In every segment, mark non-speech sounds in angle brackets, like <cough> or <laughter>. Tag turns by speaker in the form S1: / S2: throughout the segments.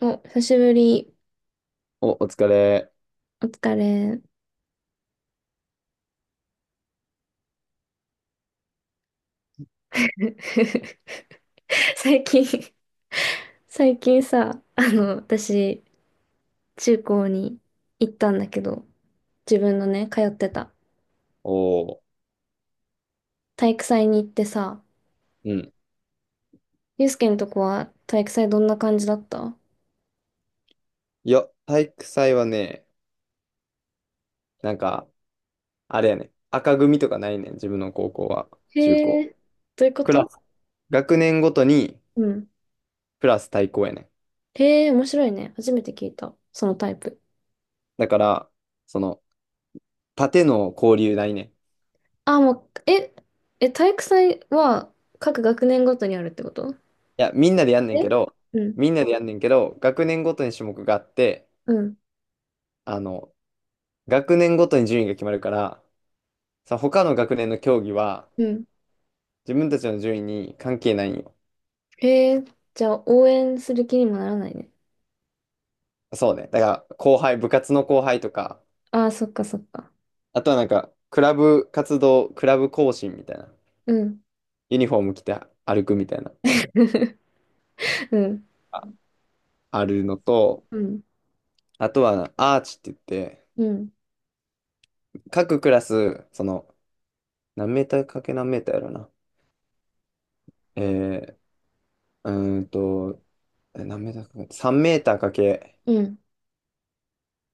S1: お、久しぶり。
S2: お疲れ。
S1: お疲れ。<laughs> 最近、最近さ、私、中高に行ったんだけど、自分のね、通ってた
S2: おー。
S1: 体育祭に行ってさ、
S2: うん。
S1: ゆうすけのとこは体育祭どんな感じだった？
S2: いや、体育祭はね、なんか、あれやね、赤組とかないねん、自分の高校は、
S1: へ
S2: 中高。
S1: え、どういうこ
S2: クラ
S1: と？
S2: ス、学年ごとに、
S1: うん。
S2: クラス対抗やねん。
S1: へえ、面白いね。初めて聞いた。そのタイプ。
S2: だから、その、縦の交流ないねん。い
S1: あ、もう、え、え、体育祭は各学年ごとにあるってこと？
S2: や、みんなでやんねん
S1: え、
S2: けど、
S1: うん、
S2: みんなでやんねんけど、学年ごとに種目があって、
S1: うん、
S2: あの、学年ごとに順位が決まるから、他の学年の競技は、
S1: うん、
S2: 自分たちの順位に関係ないんよ。
S1: えー、じゃあ応援する気にもならないね。
S2: そうね。だから、部活の後輩とか、
S1: ああ、そっかそっか。
S2: あとはなんか、クラブ行進みたいな。
S1: うん。
S2: ユニフォーム着て歩くみたいな。
S1: <laughs> うん。
S2: あるのと、
S1: うん。
S2: あとはアーチって言って、
S1: うん。
S2: 各クラス、何メーターかけ何メーターやろな。えー、うーんと、何メーターかけ、3メーターかけ
S1: うん。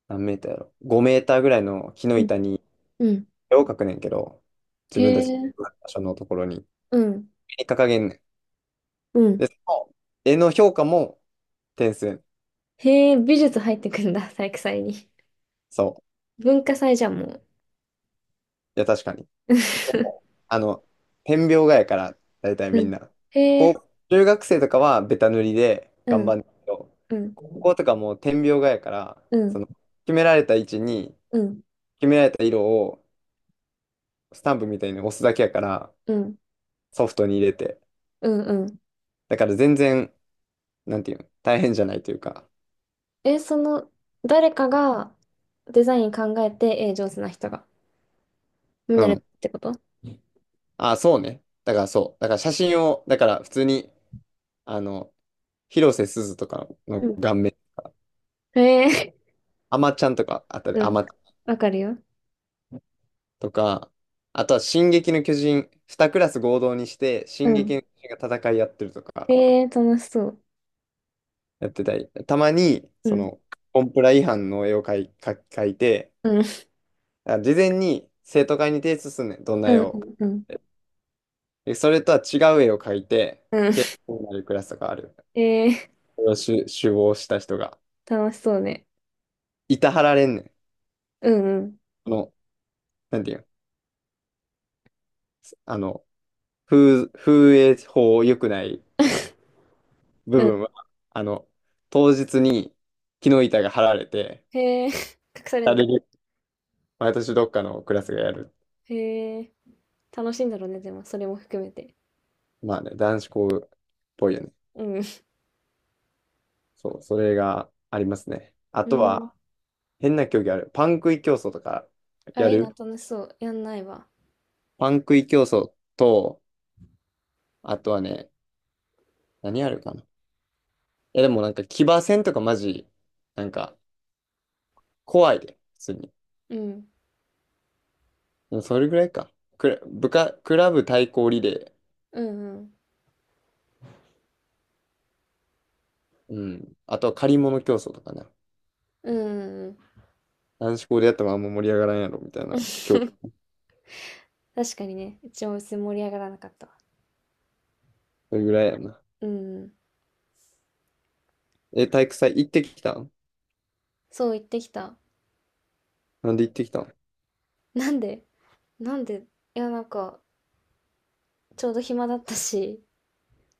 S2: 何メーターやろ。5メーターぐらいの木の
S1: うん。
S2: 板に
S1: うん、
S2: 絵を描くねんけど、自
S1: へ
S2: 分たちの場
S1: え。
S2: 所のところに、
S1: うん。
S2: 絵に掲げんねん。
S1: う
S2: で、
S1: ん。
S2: その絵の評価も点数やねん。
S1: へえ、美術入ってくんだ、<laughs> 体育祭に。
S2: そう。
S1: 文化祭じゃん、もう。
S2: いや、確かに。
S1: <laughs>
S2: あの、点描画やから、大体
S1: う
S2: みん
S1: ん。
S2: な。
S1: へ
S2: 高
S1: え。
S2: 中学生とかはベタ塗りで
S1: う
S2: 頑
S1: ん。
S2: 張るんだけど、
S1: うん。
S2: 高校とかもう点描画やから、
S1: う
S2: そ
S1: ん。
S2: の、決められた位置に、
S1: うん。
S2: 決められた色を、スタンプみたいに押すだけやから、
S1: うん。
S2: ソフトに入れて。
S1: うん。うん、
S2: だから全然、なんていうの、大変じゃないというか。
S1: え、その、誰かがデザイン考えて、上手な人が、に
S2: う
S1: なるっ
S2: ん。
S1: てこと？
S2: あ、そうね。だからそう。だから写真を、だから普通に、あの、広瀬すずとか
S1: う
S2: の
S1: ん。
S2: 顔面、
S1: へえ。
S2: あまちゃんとかあったで、
S1: う
S2: あ
S1: ん。
S2: ま
S1: わかるよ。
S2: とか、あとは「進撃の巨人」2クラス合同にして
S1: う
S2: 「進撃
S1: ん、
S2: の巨人」が戦いやってるとか
S1: ええー、楽しそう。
S2: やってたり、たまに
S1: う
S2: そ
S1: ん。
S2: のコンプラ違反の絵を描いて、
S1: うん。
S2: 事前に生徒会に提出すんねん、どんな
S1: う
S2: 絵を。
S1: ん。うん。
S2: でそれとは違う絵を描いて、
S1: うん。
S2: で、こうなるクラスとかある。
S1: ええ
S2: それを首謀した人が
S1: ー、楽しそうね。
S2: いたはられんねん。
S1: うんうん。
S2: この、なんていうの、あの、風営法良くない
S1: <laughs> う
S2: 部分
S1: ん。
S2: は、あの、当日に木の板が張られて、
S1: へえ、隠される
S2: あ
S1: んだ。
S2: れで、毎年どっかのクラスがやる。
S1: へえ、楽しいんだろうね、でも、それも含めて。
S2: まあね、男子校っぽいよね。
S1: うん。
S2: そう、それがありますね。あ
S1: う
S2: と
S1: ん。
S2: は、変な競技ある。
S1: あ、
S2: や
S1: いいな、
S2: る
S1: 楽しそう。やんないわ。
S2: パン食い競争と、あとはね、何あるかな。いや、でもなんか騎馬戦とかマジ、なんか怖いで、普通に。
S1: うん。
S2: でもそれぐらいか。クラブ対抗リレ
S1: うんうん。
S2: ー。うん。あとは借り物競争とかね。
S1: うんうんうん。
S2: 男子校でやってもあんま盛り上がらんやろ、みたいな。今日、
S1: <laughs>。確かにね、一応別に盛り上がらなかったわ。
S2: それぐらいやな。
S1: うん。
S2: 体育祭行ってきたん？
S1: そう言ってきた。
S2: なんで行ってきたん？
S1: なんで？なんで？いや、なんか、ちょうど暇だったし、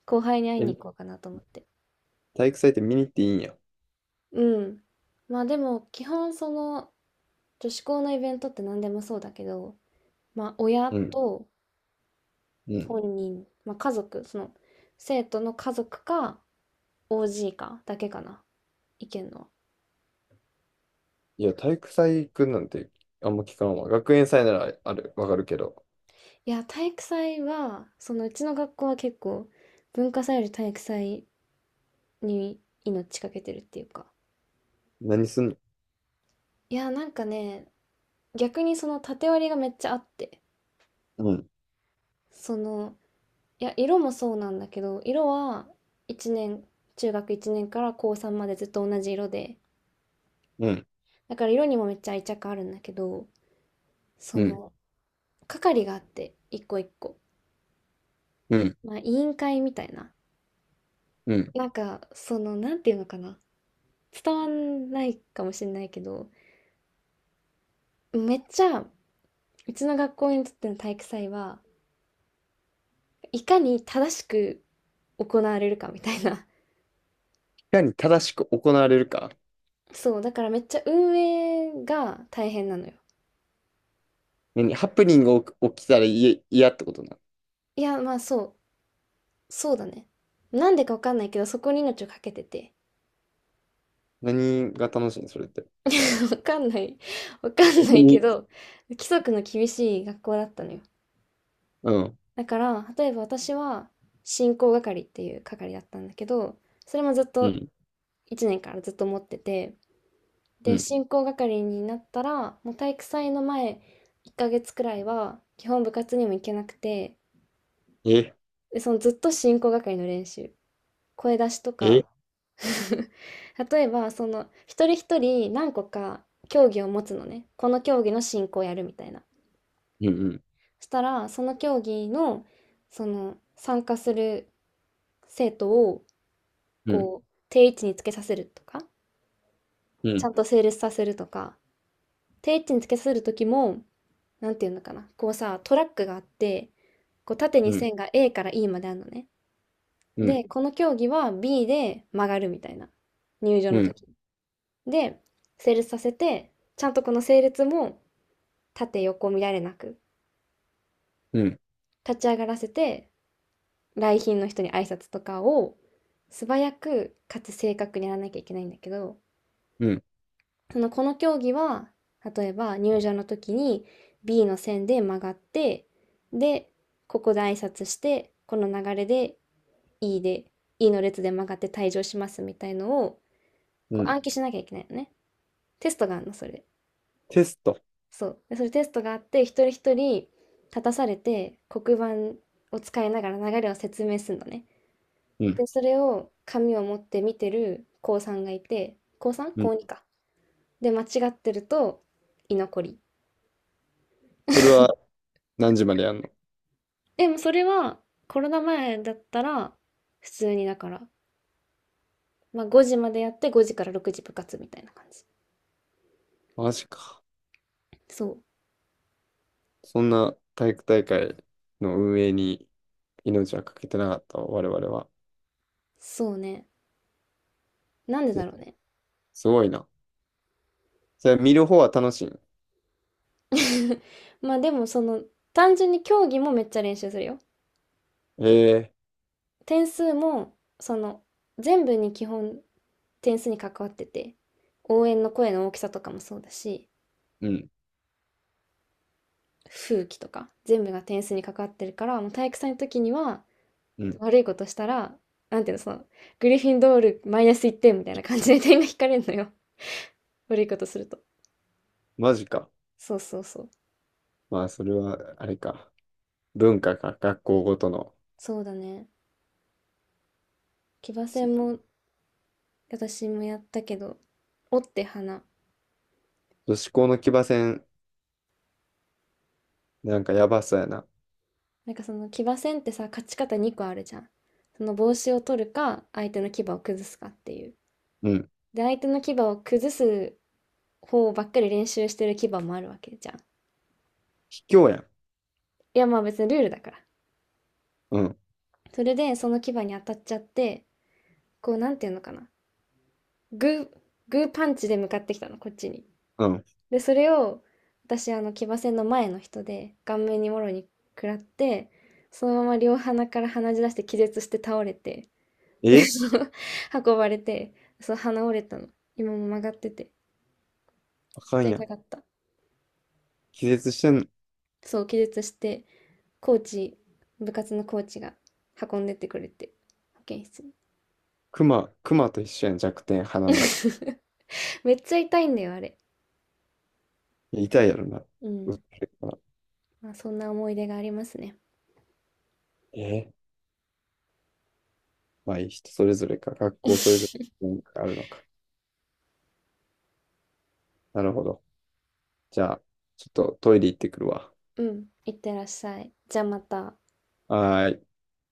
S1: 後輩に会い
S2: え、
S1: に行こうかなと思って。
S2: 体育祭って見に行っていいんや。
S1: うん。まあでも基本その女子校のイベントって何でもそうだけど、まあ親
S2: うん、
S1: と
S2: うん。
S1: 本人、まあ家族、その生徒の家族か OG かだけかな、意見のは。
S2: いや、体育祭行くなんてあんま聞かんわ。学園祭ならある、わかるけど。
S1: いや、体育祭は、そのうちの学校は結構文化祭より体育祭に命かけてるっていうか。
S2: 何すんの？
S1: いや、なんかね、逆にその縦割りがめっちゃあって、
S2: うん、
S1: その、いや、色もそうなんだけど、色は1年、中学1年から高3までずっと同じ色で、
S2: うん、
S1: だから色にもめっちゃ愛着あるんだけど、そ
S2: うん、
S1: の、係があって、一個一個。
S2: うん、
S1: まあ、委員会みたいな。
S2: うん。い
S1: なんか、その、なんていうのかな。伝わんないかもしれないけど、めっちゃ、うちの学校にとっての体育祭は、いかに正しく行われるかみたいな。
S2: かに正しく行われるか。
S1: そう、だからめっちゃ運営が大変なのよ。
S2: 何ハプニングが起きたら嫌ってことな。
S1: いや、まあそう、そうだね。なんでかわかんないけど、そこに命をかけてて。
S2: 何が楽しいのそれって？
S1: <laughs> わかんない。わかんないけ
S2: 何
S1: ど、規則の厳しい学校だったのよ。
S2: うん、
S1: だから、例えば私は、進行係っていう係だったんだけど、それもずっ
S2: う
S1: と
S2: ん、
S1: 1年からずっと持ってて、
S2: う
S1: で、
S2: ん。
S1: 進行係になったら、もう体育祭の前1ヶ月くらいは、基本部活にも行けなくて、
S2: え、
S1: で、そのずっと進行係の練習。声出しと
S2: え、
S1: か。 <laughs> 例えばその一人一人何個か競技を持つのね。この競技の進行をやるみたいな。
S2: うん、
S1: そしたらその競技の、その参加する生徒を
S2: うん、うん、
S1: こう定位置につけさせるとか、
S2: う
S1: ちゃ
S2: ん、
S1: んと整列させるとか、定位置につけさせる時も、なんていうのかな、こうさ、トラックがあって、こう縦
S2: う
S1: に
S2: ん、
S1: 線が A から E まであるのね。
S2: うん、
S1: でこの競技は B で曲がるみたいな、入場
S2: う
S1: の
S2: ん、
S1: 時。で、整列させて、ちゃんとこの整列も縦横見られなく、立ち上がらせて、来賓の人に挨拶とかを素早くかつ正確にやらなきゃいけないんだけど、
S2: うん、
S1: そのこの競技は、例えば入場の時に B の線で曲がって、で、ここで挨拶して、この流れで E で、E の列で曲がって退場しますみたいのを、
S2: う
S1: こう
S2: ん。
S1: 暗記しなきゃいけないのね。テストがあるの、それ。
S2: テスト。
S1: そう。で、それテストがあって、一人一人立たされて、黒板を使いながら流れを説明するのね。
S2: うん、
S1: で、それを紙を持って見てる高3がいて、高 3？
S2: う
S1: 高
S2: ん。
S1: 2か。で、間違ってると居残り。
S2: それは何時までやんの？
S1: でもそれはコロナ前だったら、普通にだから、まあ5時までやって5時から6時部活みたいな感じ。
S2: マジか。
S1: そう。
S2: そんな体育大会の運営に命はかけてなかった我々は。
S1: そうね。なんでだ
S2: ず
S1: ろうね。
S2: すごいな。それ見る方は楽しい？
S1: <laughs> まあでもその、単純に競技もめっちゃ練習するよ。
S2: ええ。
S1: 点数も、その、全部に基本点数に関わってて、応援の声の大きさとかもそうだし、
S2: うん、
S1: 風紀とか、全部が点数に関わってるから、もう体育祭の時には、
S2: うん。
S1: 悪いことしたら、なんていうの、その、グリフィンドールマイナス1点みたいな感じで点が引かれるのよ。 <laughs>。悪いことすると。
S2: マジか。
S1: そうそうそう。
S2: まあ、それは、あれか。文化か、学校ごとの。
S1: そうだね。騎馬戦も、私もやったけど、折って花。
S2: 女子校の騎馬戦、なんかやばそうやな。
S1: なんかその騎馬戦ってさ、勝ち方2個あるじゃん。その帽子を取るか、相手の牙を崩すかっていう。
S2: うん。
S1: で、相手の牙を崩す方ばっかり練習してる牙もあるわけじゃん。い
S2: 卑怯やん。
S1: や、まあ別にルールだから。
S2: うん、
S1: それで、その牙に当たっちゃって、こう、なんていうのかな。グー、グーパンチで向かってきたの、こっちに。
S2: うん。
S1: で、それを、私、騎馬戦の前の人で、顔面にもろに食らって、そのまま両鼻から鼻血出して気絶して倒れて、で、
S2: え
S1: その、運ばれて、そう、鼻折れたの。今も曲がってて。
S2: あかんや
S1: 痛
S2: ん。
S1: かった。
S2: 気絶してん？
S1: そう、気絶して、コーチ、部活のコーチが運んでってくれて、保健室に。
S2: 熊と一緒やん、弱点、鼻な。
S1: <laughs>。めっちゃ痛いんだよ、あれ。
S2: 痛いやろな。
S1: う
S2: 打
S1: ん。
S2: ってるから。
S1: まあ、そんな思い出がありますね。
S2: えまあ、いい人それぞれか、学校それぞれ
S1: <laughs>。
S2: 文化があるのか。なるほど。じゃあ、ちょっとトイレ行ってくるわ。
S1: うん。いってらっしゃい。じゃあまた。
S2: はーい。